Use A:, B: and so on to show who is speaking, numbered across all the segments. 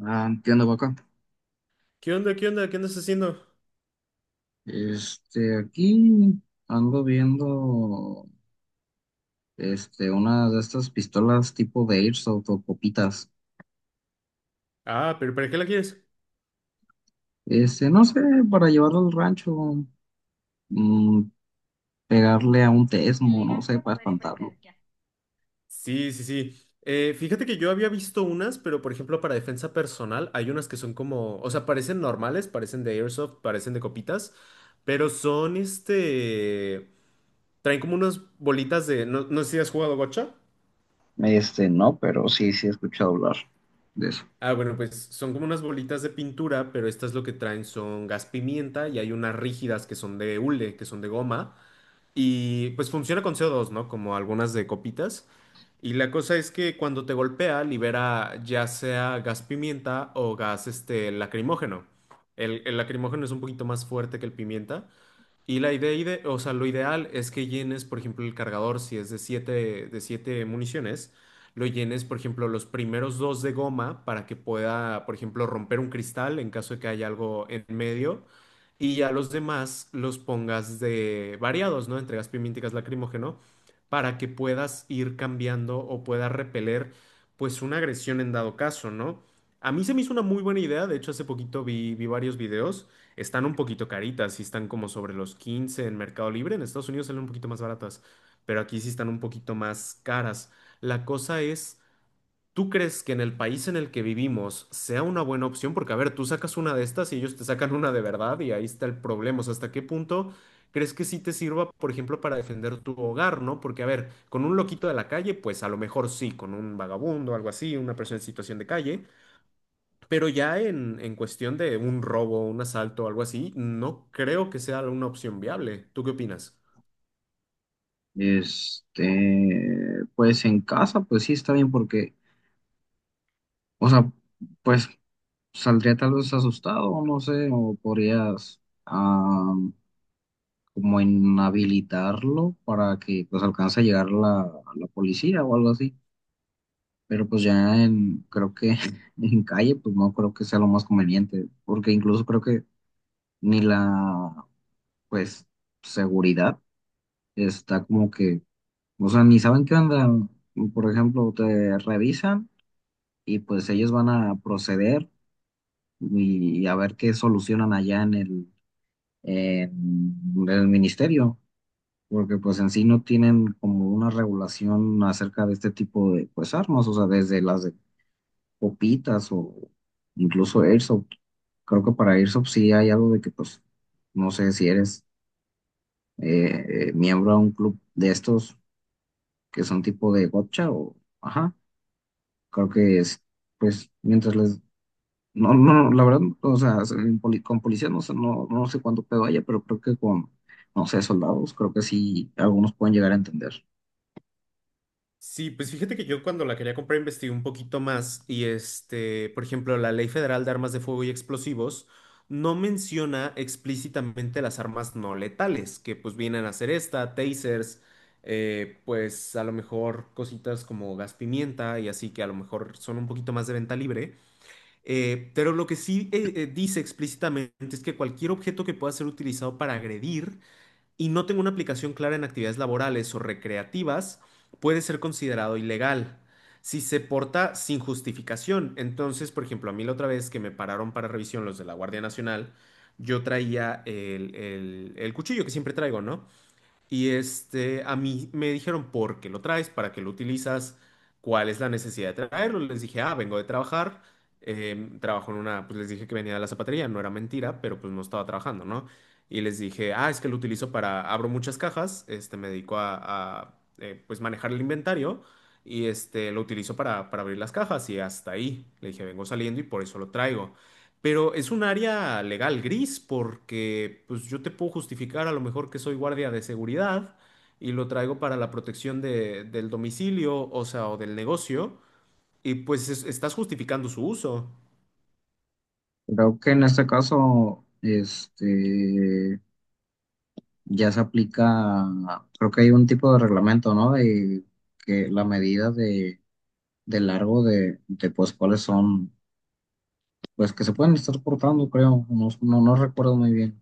A: Ah, entiendo, Paco.
B: ¿Qué onda? ¿Qué onda? ¿Qué andas haciendo?
A: Aquí ando viendo una de estas pistolas tipo de Airsoft o copitas.
B: Ah, pero ¿para qué la quieres?
A: No sé, para llevarlo al rancho, mm, pegarle a un tesmo, no sé, para espantarlo.
B: Sí, sí, sí. Fíjate que yo había visto unas, pero por ejemplo para defensa personal hay unas que son como, o sea, parecen normales, parecen de airsoft, parecen de copitas, pero son traen como unas bolitas de, no, no sé si has jugado gocha.
A: No, pero sí, sí he escuchado hablar de eso.
B: Ah, bueno, pues son como unas bolitas de pintura, pero estas lo que traen son gas pimienta y hay unas rígidas que son de hule, que son de goma. Y pues funciona con CO2, ¿no? Como algunas de copitas. Y la cosa es que cuando te golpea, libera ya sea gas pimienta o gas lacrimógeno. El lacrimógeno es un poquito más fuerte que el pimienta. Y la idea, o sea, lo ideal es que llenes, por ejemplo, el cargador, si es de siete municiones, lo llenes, por ejemplo, los primeros dos de goma para que pueda, por ejemplo, romper un cristal en caso de que haya algo en medio. Y ya los demás los pongas de variados, ¿no? Entre gas pimienta y gas lacrimógeno, para que puedas ir cambiando o puedas repeler, pues, una agresión en dado caso, ¿no? A mí se me hizo una muy buena idea. De hecho, hace poquito vi varios videos. Están un poquito caritas, sí están como sobre los 15 en Mercado Libre. En Estados Unidos salen un poquito más baratas, pero aquí sí están un poquito más caras. La cosa es, ¿tú crees que en el país en el que vivimos sea una buena opción? Porque, a ver, tú sacas una de estas y ellos te sacan una de verdad y ahí está el problema. O sea, ¿hasta qué punto crees que sí te sirva, por ejemplo, para defender tu hogar, ¿no? Porque, a ver, con un loquito de la calle, pues a lo mejor sí, con un vagabundo, algo así, una persona en situación de calle. Pero ya en cuestión de un robo, un asalto o algo así, no creo que sea una opción viable. ¿Tú qué opinas?
A: Pues en casa, pues sí está bien porque, o sea, pues saldría tal vez asustado, no sé, o podrías. ah, Como inhabilitarlo para que pues alcance a llegar la policía o algo así. Pero pues creo que en calle, pues no creo que sea lo más conveniente, porque incluso creo que ni pues, seguridad está como que, o sea, ni saben qué onda. Por ejemplo, te revisan y pues ellos van a proceder y a ver qué solucionan allá en en el ministerio. Porque pues en sí no tienen como una regulación acerca de este tipo de pues armas, o sea, desde las de copitas o incluso Airsoft. Creo que para Airsoft sí hay algo de que pues no sé si eres miembro de un club de estos que son tipo de gotcha o ajá, creo que es pues mientras les no, no, la verdad, o sea, en con policía no sé, no sé cuánto pedo haya, pero creo que con, no sé, soldados, creo que sí, algunos pueden llegar a entender.
B: Sí, pues fíjate que yo cuando la quería comprar investigué un poquito más y este, por ejemplo, la Ley Federal de Armas de Fuego y Explosivos no menciona explícitamente las armas no letales, que pues vienen a ser esta, tasers, pues a lo mejor cositas como gas pimienta y así que a lo mejor son un poquito más de venta libre. Pero lo que sí dice explícitamente es que cualquier objeto que pueda ser utilizado para agredir y no tenga una aplicación clara en actividades laborales o recreativas puede ser considerado ilegal si se porta sin justificación. Entonces, por ejemplo, a mí la otra vez que me pararon para revisión los de la Guardia Nacional, yo traía el cuchillo que siempre traigo, ¿no? Y este, a mí me dijeron, ¿por qué lo traes? ¿Para qué lo utilizas? ¿Cuál es la necesidad de traerlo? Les dije, ah, vengo de trabajar. Trabajo en una, pues les dije que venía de la zapatería, no era mentira, pero pues no estaba trabajando, ¿no? Y les dije, ah, es que lo utilizo para, abro muchas cajas, este, me dedico pues manejar el inventario y este, lo utilizo para abrir las cajas y hasta ahí. Le dije, vengo saliendo y por eso lo traigo. Pero es un área legal gris porque pues yo te puedo justificar a lo mejor que soy guardia de seguridad y lo traigo para la protección del domicilio, o sea, o del negocio, y pues estás justificando su uso.
A: Creo que en este caso, ya se aplica, creo que hay un tipo de reglamento, ¿no? De que la medida de largo pues, cuáles son, pues, que se pueden estar cortando, creo, no recuerdo muy bien.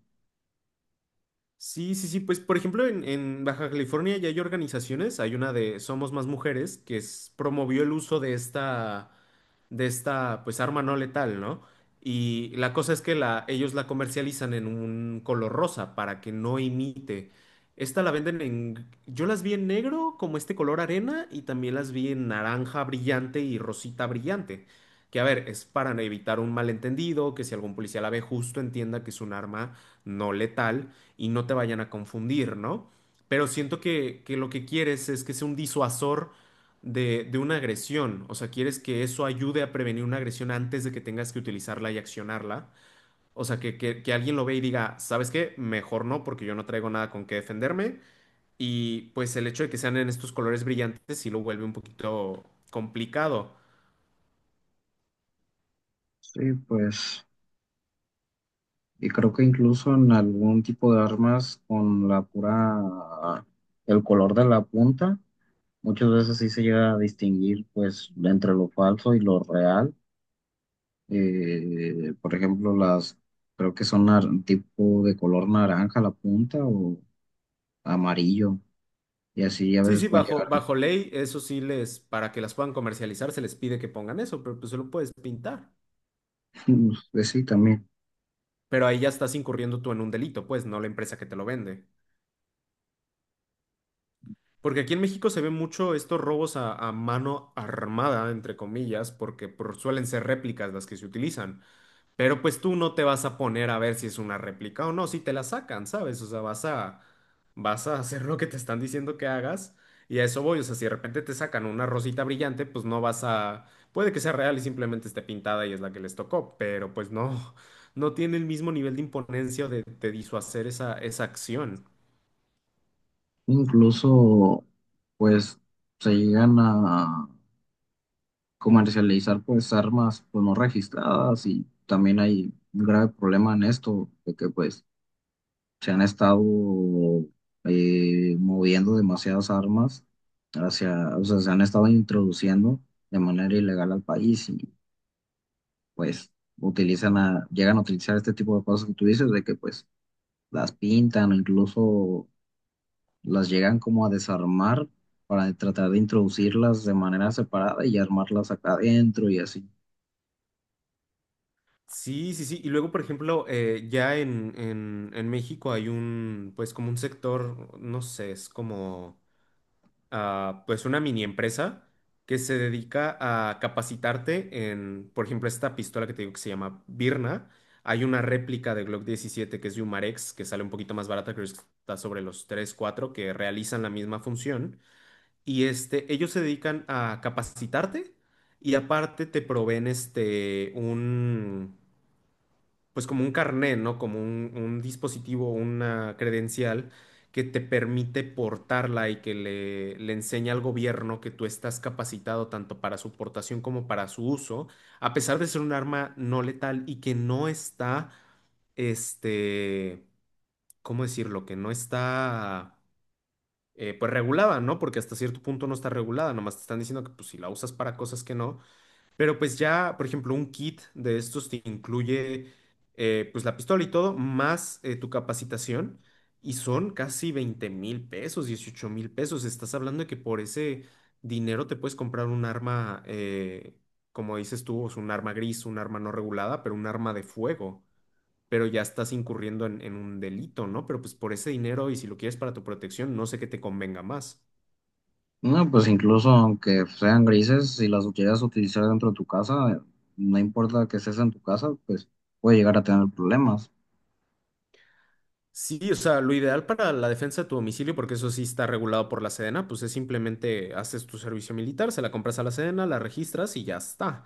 B: Sí, sí, sí, pues por ejemplo en Baja California ya hay organizaciones, hay una de Somos Más Mujeres que promovió el uso de esta pues arma no letal, ¿no? Y la cosa es que la, ellos la comercializan en un color rosa para que no imite. Esta la venden en, yo las vi en negro como este color arena y también las vi en naranja brillante y rosita brillante. Que a ver, es para evitar un malentendido, que si algún policía la ve justo entienda que es un arma no letal y no te vayan a confundir, ¿no? Pero siento que lo que quieres es que sea un disuasor de una agresión, o sea, quieres que eso ayude a prevenir una agresión antes de que tengas que utilizarla y accionarla. O sea, que alguien lo ve y diga, ¿sabes qué? Mejor no, porque yo no traigo nada con qué defenderme. Y pues el hecho de que sean en estos colores brillantes sí lo vuelve un poquito complicado.
A: Sí, pues, y creo que incluso en algún tipo de armas con la pura, el color de la punta, muchas veces sí se llega a distinguir, pues, entre lo falso y lo real. Por ejemplo, las creo que son tipo de color naranja la punta o amarillo, y así a
B: Sí,
A: veces
B: sí,
A: pueden llegar.
B: bajo ley, eso sí les, para que las puedan comercializar, se les pide que pongan eso, pero pues se lo puedes pintar.
A: Pues sí, también.
B: Pero ahí ya estás incurriendo tú en un delito, pues, no la empresa que te lo vende. Porque aquí en México se ven mucho estos robos a mano armada, entre comillas, porque suelen ser réplicas las que se utilizan. Pero pues tú no te vas a poner a ver si es una réplica o no, si te la sacan, ¿sabes? O sea, vas a hacer lo que te están diciendo que hagas y a eso voy. O sea, si de repente te sacan una rosita brillante, pues no vas a... Puede que sea real y simplemente esté pintada y es la que les tocó, pero pues no, no tiene el mismo nivel de imponencia o de disuasor esa, esa acción.
A: Incluso, pues se llegan a comercializar pues armas pues no registradas y también hay un grave problema en esto, de que pues se han estado moviendo demasiadas armas hacia, o sea, se han estado introduciendo de manera ilegal al país, pues utilizan a, llegan a utilizar este tipo de cosas que tú dices, de que pues las pintan o incluso las llegan como a desarmar para tratar de introducirlas de manera separada y armarlas acá adentro y así.
B: Sí, sí, sí. Y luego, por ejemplo, ya en, en México hay un, pues como un sector, no sé, es como... ah, pues una mini empresa que se dedica a capacitarte en, por ejemplo, esta pistola que te digo que se llama Birna. Hay una réplica de Glock 17 que es de Humarex, que sale un poquito más barata, creo que está sobre los 3 4 que realizan la misma función. Y este, ellos se dedican a capacitarte y aparte te proveen este, un pues como un carnet, ¿no? Como un dispositivo, una credencial que te permite portarla y que le enseña al gobierno que tú estás capacitado tanto para su portación como para su uso, a pesar de ser un arma no letal y que no está, este, ¿cómo decirlo? Que no está, pues regulada, ¿no? Porque hasta cierto punto no está regulada, nomás te están diciendo que pues si la usas para cosas que no pero pues ya, por ejemplo, un kit de estos te incluye pues la pistola y todo, más tu capacitación, y son casi 20,000 pesos, 18,000 pesos. Estás hablando de que por ese dinero te puedes comprar un arma, como dices tú, es un arma gris, un arma no regulada, pero un arma de fuego. Pero ya estás incurriendo en un delito, ¿no? Pero pues por ese dinero y si lo quieres para tu protección, no sé qué te convenga más.
A: No, pues incluso aunque sean grises, si las llegas a utilizar dentro de tu casa, no importa que estés en tu casa, pues puede llegar a tener problemas.
B: Sí, o sea, lo ideal para la defensa de tu domicilio, porque eso sí está regulado por la Sedena, pues es simplemente haces tu servicio militar, se la compras a la Sedena, la registras y ya está.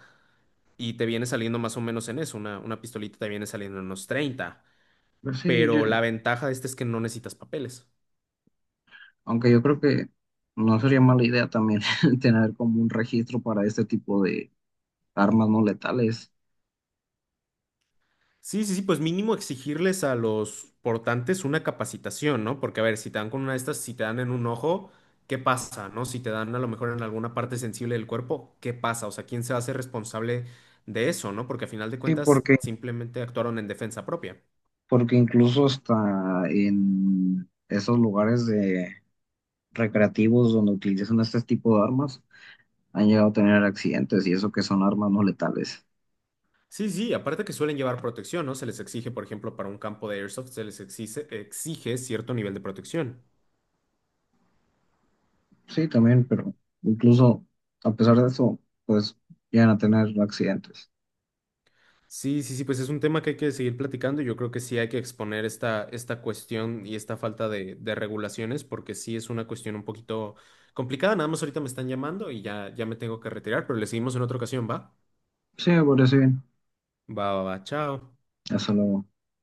B: Y te viene saliendo más o menos en eso, una pistolita te viene saliendo en unos 30.
A: Pero sí, yo,
B: Pero la ventaja de este es que no necesitas papeles.
A: aunque yo creo que no sería mala idea también tener como un registro para este tipo de armas no letales.
B: Sí, sí, sí, pues mínimo exigirles a los portantes una capacitación, ¿no? Porque a ver, si te dan con una de estas, si te dan en un ojo, ¿qué pasa, no? Si te dan a lo mejor en alguna parte sensible del cuerpo, ¿qué pasa? O sea, ¿quién se hace responsable de eso, no? Porque a final de
A: Sí,
B: cuentas
A: porque,
B: simplemente actuaron en defensa propia.
A: porque incluso hasta en esos lugares de recreativos donde utilizan este tipo de armas, han llegado a tener accidentes y eso que son armas no letales.
B: Sí, sí, aparte que suelen llevar protección, ¿no? Se les exige, por ejemplo, para un campo de airsoft, se les exige, exige cierto nivel de protección.
A: Sí, también, pero incluso a pesar de eso, pues llegan a tener accidentes.
B: Sí, sí, sí, pues es un tema que hay que seguir platicando y yo creo que sí hay que exponer esta, esta cuestión y esta falta de regulaciones porque sí es una cuestión un poquito complicada. Nada más ahorita me están llamando y ya, ya me tengo que retirar, pero le seguimos en otra ocasión, ¿va?
A: Sí, me parece bien.
B: Va, va, va, chao.
A: Hasta luego.